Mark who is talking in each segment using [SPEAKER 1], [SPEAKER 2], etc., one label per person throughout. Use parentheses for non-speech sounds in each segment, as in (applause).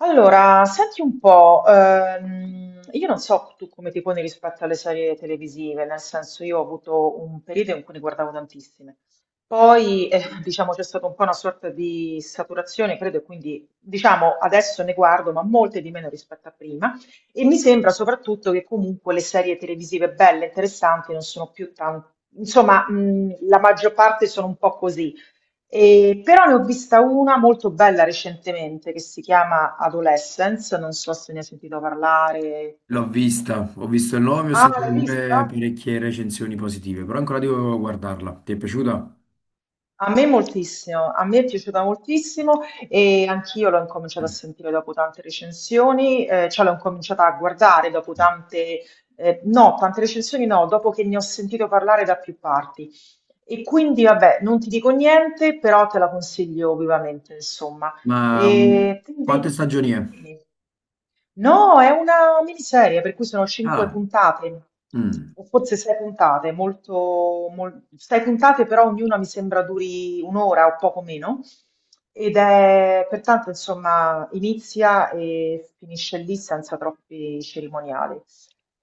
[SPEAKER 1] Allora, senti un po', io non so tu come ti poni rispetto alle serie televisive, nel senso io ho avuto un periodo in cui ne guardavo tantissime, poi (laughs) diciamo c'è stata un po' una sorta di saturazione, credo, e quindi diciamo adesso ne guardo, ma molte di meno rispetto a prima, e mi sembra soprattutto che comunque le serie televisive belle, interessanti, non sono più tanto, insomma, la maggior parte sono un po' così. Però ne ho vista una molto bella recentemente che si chiama Adolescence, non so se ne hai sentito parlare.
[SPEAKER 2] L'ho vista, ho visto il nome, ho
[SPEAKER 1] Ah,
[SPEAKER 2] sentito
[SPEAKER 1] l'hai vista?
[SPEAKER 2] pure parecchie recensioni positive, però ancora devo guardarla. Ti è piaciuta?
[SPEAKER 1] A me moltissimo, a me è piaciuta moltissimo e anch'io l'ho incominciata a sentire dopo tante recensioni, cioè l'ho incominciata a guardare dopo tante recensioni no, dopo che ne ho sentito parlare da più parti. E quindi vabbè, non ti dico niente, però te la consiglio vivamente, insomma.
[SPEAKER 2] Ma
[SPEAKER 1] E,
[SPEAKER 2] quante
[SPEAKER 1] quindi,
[SPEAKER 2] stagioni è?
[SPEAKER 1] dimmi. No, è una miniserie, per cui sono cinque
[SPEAKER 2] Ah,
[SPEAKER 1] puntate,
[SPEAKER 2] mm,
[SPEAKER 1] o forse sei puntate, sei puntate, però ognuna mi sembra duri un'ora o poco meno. Ed è pertanto, insomma, inizia e finisce lì senza troppi cerimoniali.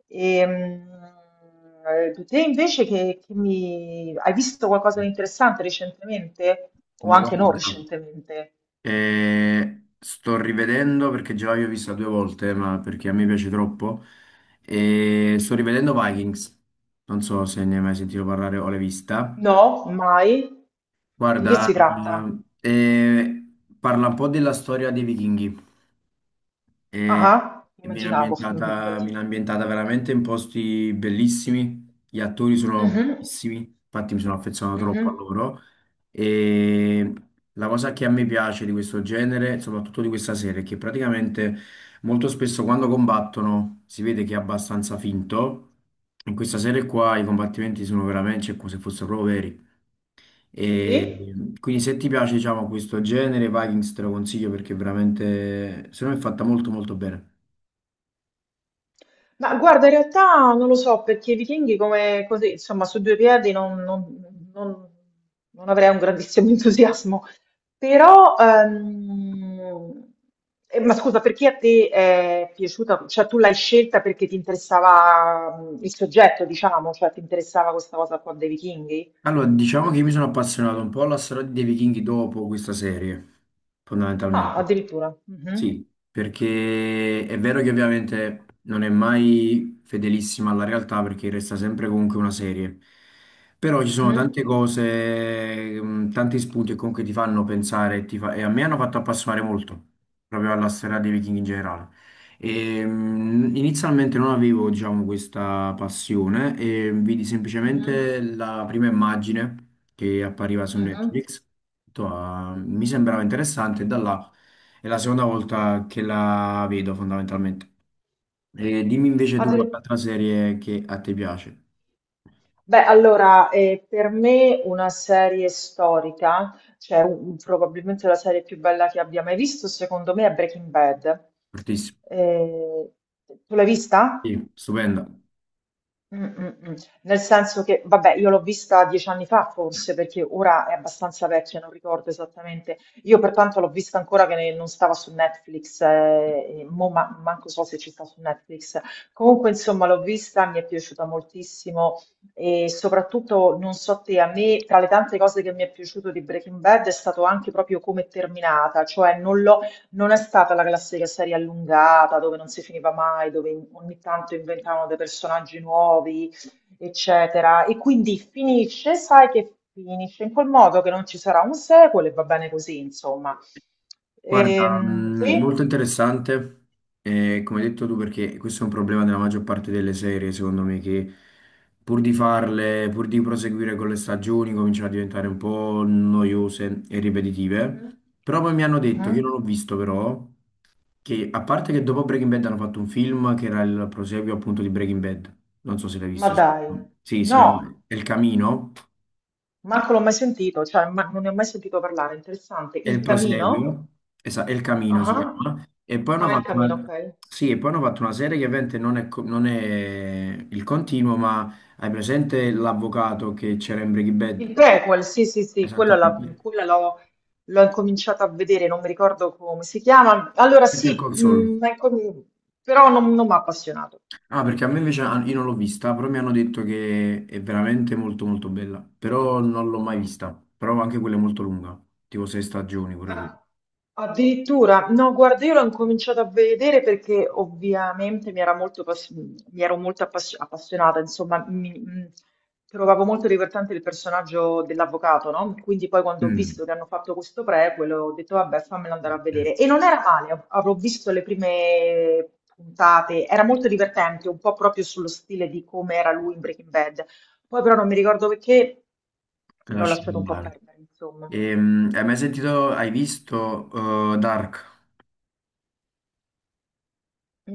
[SPEAKER 1] Ehm, Te invece che mi... hai visto qualcosa di interessante recentemente? O
[SPEAKER 2] ma
[SPEAKER 1] anche
[SPEAKER 2] guarda,
[SPEAKER 1] non recentemente?
[SPEAKER 2] sto rivedendo perché già l'ho vista due volte, ma perché a me piace troppo. E sto rivedendo Vikings. Non so se ne hai mai sentito parlare o l'hai vista.
[SPEAKER 1] No, mai? Di che
[SPEAKER 2] Guarda,
[SPEAKER 1] si tratta?
[SPEAKER 2] eh, eh, parla un po' della storia dei vichinghi. e
[SPEAKER 1] Ah,
[SPEAKER 2] e
[SPEAKER 1] immaginavo, (laughs) dal
[SPEAKER 2] viene
[SPEAKER 1] titolo.
[SPEAKER 2] ambientata veramente in posti bellissimi, gli attori sono
[SPEAKER 1] Mhm,
[SPEAKER 2] bravissimi, infatti mi sono affezionato troppo a
[SPEAKER 1] mhm.
[SPEAKER 2] loro e la cosa che a me piace di questo genere, soprattutto di questa serie, è che praticamente molto spesso quando combattono si vede che è abbastanza finto. In questa serie qua i combattimenti sono veramente cioè, come se fossero proprio veri. E
[SPEAKER 1] Sì?
[SPEAKER 2] quindi se ti piace, diciamo, questo genere, Vikings te lo consiglio perché veramente, secondo me è fatta molto molto bene.
[SPEAKER 1] Ma guarda, in realtà non lo so, perché i vichinghi come così, insomma, su due piedi non avrei un grandissimo (laughs) entusiasmo. Però, ma scusa, perché a te è piaciuta? Cioè, tu l'hai scelta perché ti interessava il soggetto, diciamo, cioè ti interessava questa cosa qua dei vichinghi?
[SPEAKER 2] Allora, diciamo che io mi sono appassionato un po' alla storia dei vichinghi dopo questa serie,
[SPEAKER 1] Ah,
[SPEAKER 2] fondamentalmente.
[SPEAKER 1] addirittura. Mhm,
[SPEAKER 2] Sì, perché è vero che ovviamente non è mai fedelissima alla realtà perché resta sempre comunque una serie, però ci sono tante
[SPEAKER 1] mhm,
[SPEAKER 2] cose, tanti spunti che comunque ti fanno pensare e, e a me hanno fatto appassionare molto proprio alla storia dei Viking in generale. E, inizialmente non avevo, diciamo, questa passione e vidi
[SPEAKER 1] mhm,
[SPEAKER 2] semplicemente la prima immagine che appariva su
[SPEAKER 1] mhm.
[SPEAKER 2] Netflix. Ho detto, "Ah, mi sembrava interessante" e da là... È la seconda volta che la vedo fondamentalmente. E dimmi invece tu
[SPEAKER 1] Addir-
[SPEAKER 2] qualche altra serie che a te piace.
[SPEAKER 1] Beh, allora, per me una serie storica, cioè probabilmente la serie più bella che abbia mai visto, secondo me è Breaking Bad.
[SPEAKER 2] Fortissimo.
[SPEAKER 1] Eh, Tu l'hai vista?
[SPEAKER 2] Sì, stupenda.
[SPEAKER 1] Mh, mh, mh. Nel senso che, vabbè, io l'ho vista 10 anni fa forse, perché ora è abbastanza vecchia, non ricordo esattamente. Io pertanto l'ho vista ancora che non stava su Netflix, e mo manco so se ci sta su Netflix. Comunque, insomma, l'ho vista, mi è piaciuta moltissimo e soprattutto, non so te, a me tra le tante cose che mi è piaciuto di Breaking Bad è stato anche proprio come è terminata, cioè non è stata la classica serie allungata dove non si finiva mai, dove ogni tanto inventavano dei personaggi nuovi, eccetera. E quindi finisce, sai che finisce in quel modo che non ci sarà un sequel e va bene così, insomma.
[SPEAKER 2] Guarda, molto
[SPEAKER 1] Sì?
[SPEAKER 2] interessante, come hai detto tu, perché questo è un problema della maggior parte delle serie, secondo me, che pur di farle, pur di proseguire con le stagioni, cominciano a diventare un po' noiose e ripetitive.
[SPEAKER 1] Mhm,
[SPEAKER 2] Però poi mi hanno detto, che io
[SPEAKER 1] mhm.
[SPEAKER 2] non l'ho visto però, che a parte che dopo Breaking Bad hanno fatto un film che era il proseguio appunto di Breaking Bad. Non so se l'hai
[SPEAKER 1] Ma
[SPEAKER 2] visto.
[SPEAKER 1] dai,
[SPEAKER 2] Sì, si
[SPEAKER 1] no,
[SPEAKER 2] chiama El Camino.
[SPEAKER 1] manco l'ho mai sentito, cioè non ne ho mai sentito parlare. Interessante.
[SPEAKER 2] È il
[SPEAKER 1] Il Camino?
[SPEAKER 2] proseguio. Esatto, El Camino
[SPEAKER 1] Ah,
[SPEAKER 2] si
[SPEAKER 1] ah.
[SPEAKER 2] chiama. E poi hanno
[SPEAKER 1] Ah, il
[SPEAKER 2] fatto
[SPEAKER 1] Camino,
[SPEAKER 2] una,
[SPEAKER 1] ok.
[SPEAKER 2] sì, e poi hanno fatto una serie che ovviamente non è, non è il continuo, ma hai presente l'avvocato che c'era in Breaking
[SPEAKER 1] Il
[SPEAKER 2] Bad?
[SPEAKER 1] prequel, sì, sì, sì,
[SPEAKER 2] Esattamente.
[SPEAKER 1] quella l'ho incominciata a vedere, non mi ricordo come si chiama. Allora
[SPEAKER 2] Better
[SPEAKER 1] sì,
[SPEAKER 2] Call Saul.
[SPEAKER 1] però non mi ha appassionato.
[SPEAKER 2] Ah, perché a me invece ah, io non l'ho vista, però mi hanno detto che è veramente molto molto bella. Però non l'ho mai vista. Però anche quella è molto lunga, tipo sei stagioni pure qui.
[SPEAKER 1] Ah, Addirittura, no, guarda, io l'ho incominciato a vedere perché ovviamente era molto mi ero molto appassionata, insomma, trovavo molto divertente il personaggio dell'avvocato, no? Quindi poi quando ho
[SPEAKER 2] Mm.
[SPEAKER 1] visto che hanno fatto questo prequel ho detto, vabbè, fammelo andare a vedere. E non era male, avrò visto le prime puntate, era molto divertente, un po' proprio sullo stile di come era lui in Breaking Bad. Poi però non mi ricordo perché l'ho
[SPEAKER 2] Lasci
[SPEAKER 1] lasciato un po'
[SPEAKER 2] andare.
[SPEAKER 1] perdere, insomma.
[SPEAKER 2] Hai mai sentito, hai visto Dark?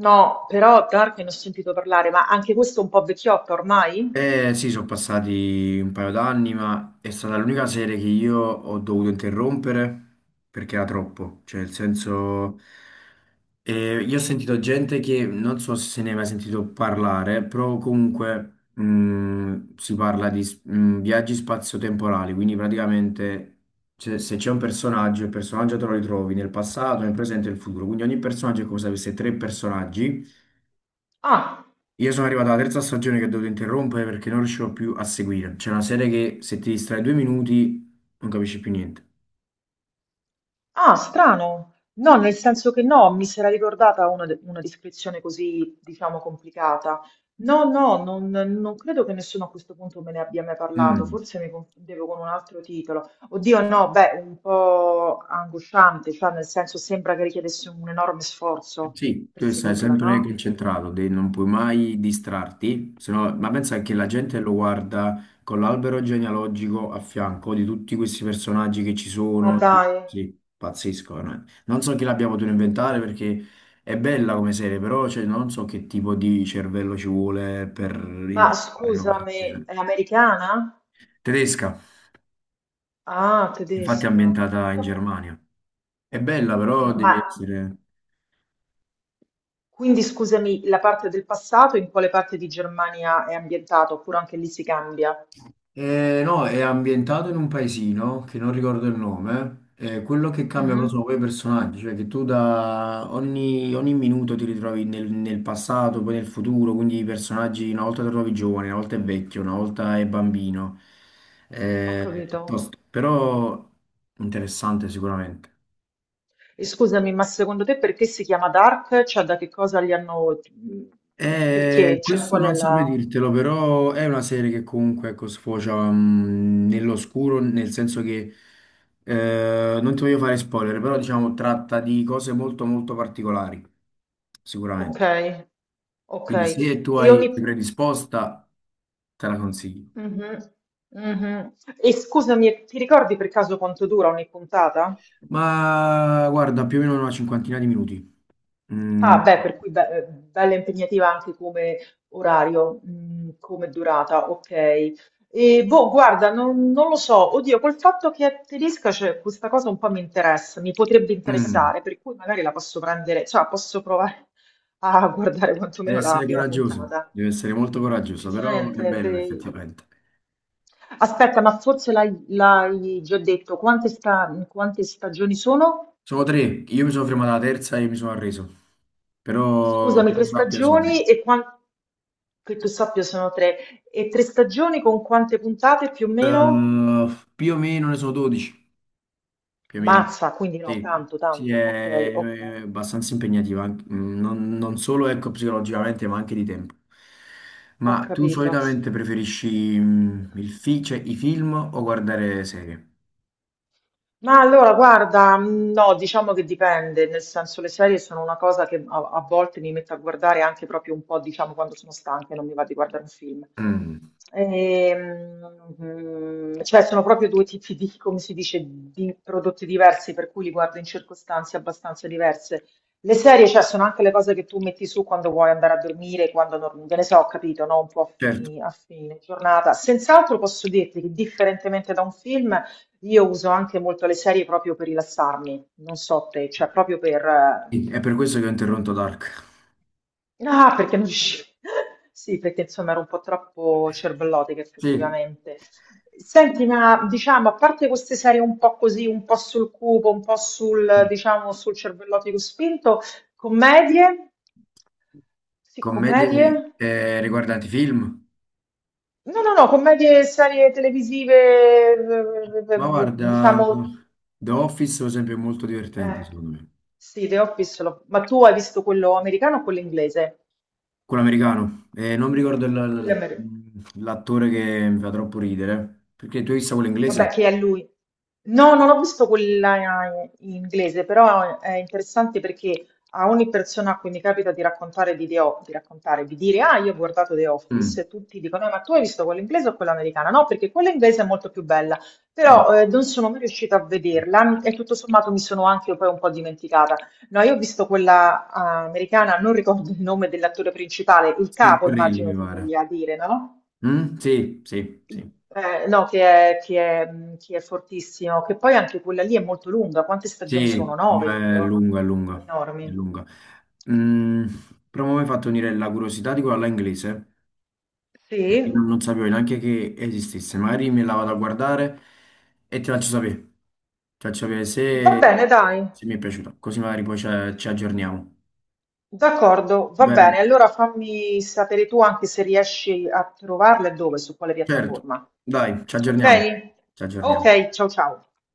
[SPEAKER 1] No, però Dark ne ho sentito parlare, ma anche questo è un po' vecchiotto ormai?
[SPEAKER 2] Eh sì, sono passati un paio d'anni, ma è stata l'unica serie che io ho dovuto interrompere perché era troppo. Cioè, nel senso, io ho sentito gente che non so se se ne è mai sentito parlare, però comunque si parla di viaggi spazio-temporali, quindi praticamente cioè, se c'è un personaggio, il personaggio te lo ritrovi nel passato, nel presente e nel futuro. Quindi ogni personaggio è come se avesse tre personaggi.
[SPEAKER 1] Ah,
[SPEAKER 2] Io sono arrivato alla terza stagione che ho dovuto interrompere perché non riuscivo più a seguire. C'è una serie che se ti distrai due minuti non capisci più niente.
[SPEAKER 1] ah, strano. No, nel senso che no, mi si era ricordata una descrizione così, diciamo, complicata. No, no, non credo che nessuno a questo punto me ne abbia mai parlato,
[SPEAKER 2] Mm.
[SPEAKER 1] forse mi confondevo con un altro titolo. Oddio, no, beh, un po' angosciante, cioè nel senso sembra che richiedesse un enorme sforzo
[SPEAKER 2] Sì,
[SPEAKER 1] per
[SPEAKER 2] tu stai
[SPEAKER 1] seguirla,
[SPEAKER 2] sempre
[SPEAKER 1] no?
[SPEAKER 2] concentrato, non puoi mai distrarti, se no- ma pensa che la
[SPEAKER 1] Mhm.
[SPEAKER 2] gente lo guarda con l'albero genealogico a fianco di tutti questi personaggi che ci
[SPEAKER 1] Ma
[SPEAKER 2] sono.
[SPEAKER 1] dai,
[SPEAKER 2] Sì, pazzesco. No? Non so chi l'abbia potuto inventare perché è bella come serie, però cioè, non so che tipo di cervello ci vuole per
[SPEAKER 1] ma
[SPEAKER 2] inventare una cosa del
[SPEAKER 1] scusami,
[SPEAKER 2] genere.
[SPEAKER 1] è americana?
[SPEAKER 2] Tedesca.
[SPEAKER 1] Ah,
[SPEAKER 2] Infatti è
[SPEAKER 1] tedesca.
[SPEAKER 2] ambientata in
[SPEAKER 1] Vabbè.
[SPEAKER 2] Germania. È bella, però
[SPEAKER 1] Ah,
[SPEAKER 2] devi
[SPEAKER 1] Ma
[SPEAKER 2] essere...
[SPEAKER 1] quindi scusami, la parte del passato in quale parte di Germania è ambientata? Oppure anche lì si cambia?
[SPEAKER 2] No, è ambientato in un paesino che non ricordo il nome. Quello che cambia però sono
[SPEAKER 1] Mhm,
[SPEAKER 2] poi i personaggi, cioè che tu da ogni minuto ti ritrovi nel passato, poi nel futuro, quindi i personaggi una volta ti trovi giovane, una volta è vecchio, una volta è bambino.
[SPEAKER 1] ho capito.
[SPEAKER 2] Tosto, però interessante sicuramente.
[SPEAKER 1] E scusami, ma secondo te perché si chiama Dark? Cioè, da che cosa li hanno... Perché? Cioè,
[SPEAKER 2] Questo
[SPEAKER 1] qual è
[SPEAKER 2] non saprei
[SPEAKER 1] la...
[SPEAKER 2] dirtelo, però è una serie che comunque ecco, sfocia nell'oscuro, nel senso che non ti voglio fare spoiler, però diciamo tratta di cose molto molto particolari,
[SPEAKER 1] Ok,
[SPEAKER 2] sicuramente.
[SPEAKER 1] ok.
[SPEAKER 2] Quindi se tu
[SPEAKER 1] E
[SPEAKER 2] hai
[SPEAKER 1] ogni...
[SPEAKER 2] sei predisposta, te la consiglio.
[SPEAKER 1] Mhm, mhm. E scusami, ti ricordi per caso quanto dura ogni puntata?
[SPEAKER 2] Ma guarda, più o meno una cinquantina di minuti. Mm,
[SPEAKER 1] Ah, beh, per cui bella impegnativa anche come orario, come durata, ok. E boh, guarda, non lo so, oddio, col fatto che è tedesca, cioè, questa cosa un po' mi interessa, mi potrebbe
[SPEAKER 2] mm,
[SPEAKER 1] interessare, per cui magari la posso prendere, cioè posso provare a guardare
[SPEAKER 2] deve
[SPEAKER 1] quantomeno la
[SPEAKER 2] essere
[SPEAKER 1] prima
[SPEAKER 2] coraggioso,
[SPEAKER 1] puntata.
[SPEAKER 2] deve essere molto coraggioso, però è
[SPEAKER 1] Decisamente.
[SPEAKER 2] bella effettivamente.
[SPEAKER 1] Aspetta, ma forse l'hai già detto, quante stagioni sono?
[SPEAKER 2] Sono tre, io mi sono fermato alla terza e mi sono arreso, però
[SPEAKER 1] Scusami,
[SPEAKER 2] che io
[SPEAKER 1] tre
[SPEAKER 2] sappia sono tre.
[SPEAKER 1] stagioni e quanto che tu sappia sono tre. E tre stagioni con quante puntate più o meno?
[SPEAKER 2] Eh, più o meno ne sono 12, più o meno.
[SPEAKER 1] Mazza, quindi no,
[SPEAKER 2] Sì,
[SPEAKER 1] tanto,
[SPEAKER 2] sì,
[SPEAKER 1] tanto. Ok, ok,
[SPEAKER 2] è abbastanza impegnativa, non, non solo ecco, psicologicamente, ma anche di tempo.
[SPEAKER 1] ho
[SPEAKER 2] Ma tu
[SPEAKER 1] capito.
[SPEAKER 2] solitamente preferisci il cioè, i film o guardare serie?
[SPEAKER 1] Ma allora, guarda, no, diciamo che dipende, nel senso le serie sono una cosa che a volte mi metto a guardare anche proprio un po', diciamo, quando sono stanca e non mi va di guardare un film.
[SPEAKER 2] Mm,
[SPEAKER 1] Cioè, sono proprio due tipi di, come si dice, di prodotti diversi, per cui li guardo in circostanze abbastanza diverse. Le serie, cioè, sono anche le cose che tu metti su quando vuoi andare a dormire, quando non, che ne so, ho capito, no? Un po' a
[SPEAKER 2] certo.
[SPEAKER 1] a fine giornata. Sent'altro posso dirti che, differentemente da un film, io uso anche molto le serie proprio per rilassarmi, non so te, cioè proprio per...
[SPEAKER 2] Sì, è per questo che ho interrotto Dark.
[SPEAKER 1] Ah, perché non riuscivo... (laughs) Sì, perché insomma ero un po' troppo cervellotica
[SPEAKER 2] Sì,
[SPEAKER 1] effettivamente. Senti, ma diciamo, a parte queste serie un po' così, un po' sul cupo, un po' sul, diciamo, sul cervellotico spinto, commedie? Sì, commedie?
[SPEAKER 2] commedie riguardanti film.
[SPEAKER 1] No, no, no, commedie, serie televisive,
[SPEAKER 2] Ma guarda,
[SPEAKER 1] diciamo
[SPEAKER 2] The Office per esempio è molto divertente
[SPEAKER 1] eh,
[SPEAKER 2] secondo me.
[SPEAKER 1] sì, The Office, ma tu hai visto quello americano o quello inglese?
[SPEAKER 2] Quello americano. Non mi ricordo
[SPEAKER 1] Quello
[SPEAKER 2] il-
[SPEAKER 1] americano.
[SPEAKER 2] l'attore che mi fa troppo ridere. Perché tu hai visto quello
[SPEAKER 1] Vabbè,
[SPEAKER 2] inglese?
[SPEAKER 1] che è lui. No, non ho visto quella in inglese, però è interessante perché a ogni persona a cui mi capita di raccontare di dire, ah, io ho guardato The
[SPEAKER 2] Mm.
[SPEAKER 1] Office, e tutti dicono, ma tu hai visto quella inglese o quella americana? No, perché quella inglese è molto più bella,
[SPEAKER 2] Ah,
[SPEAKER 1] però non sono mai riuscita a vederla e tutto sommato mi sono anche poi un po' dimenticata. No, io ho visto quella americana, non ricordo il nome dell'attore principale, il
[SPEAKER 2] Steve
[SPEAKER 1] capo
[SPEAKER 2] Carell
[SPEAKER 1] immagino
[SPEAKER 2] mi
[SPEAKER 1] tu
[SPEAKER 2] pare.
[SPEAKER 1] voglia dire, no?
[SPEAKER 2] Mm? Sì, sì, sì.
[SPEAKER 1] No, che è fortissimo, che poi anche quella lì è molto lunga. Quante stagioni
[SPEAKER 2] Sì, è
[SPEAKER 1] sono? Nove, tipo?
[SPEAKER 2] lunga, è lunga, è
[SPEAKER 1] Enormi.
[SPEAKER 2] lunga. Mm, però mi hai fatto venire la curiosità di quella là inglese.
[SPEAKER 1] Sì,
[SPEAKER 2] Io non sapevo neanche che esistesse, magari me la vado a guardare e ti faccio sapere
[SPEAKER 1] va
[SPEAKER 2] se,
[SPEAKER 1] bene, dai.
[SPEAKER 2] se mi è piaciuta, così magari poi ci, ci aggiorniamo.
[SPEAKER 1] D'accordo, va
[SPEAKER 2] Bene,
[SPEAKER 1] bene. Allora fammi sapere tu anche se riesci a trovarla e dove, su quale
[SPEAKER 2] certo,
[SPEAKER 1] piattaforma.
[SPEAKER 2] dai, ci aggiorniamo,
[SPEAKER 1] Ok?
[SPEAKER 2] ci aggiorniamo.
[SPEAKER 1] Ok, ciao ciao.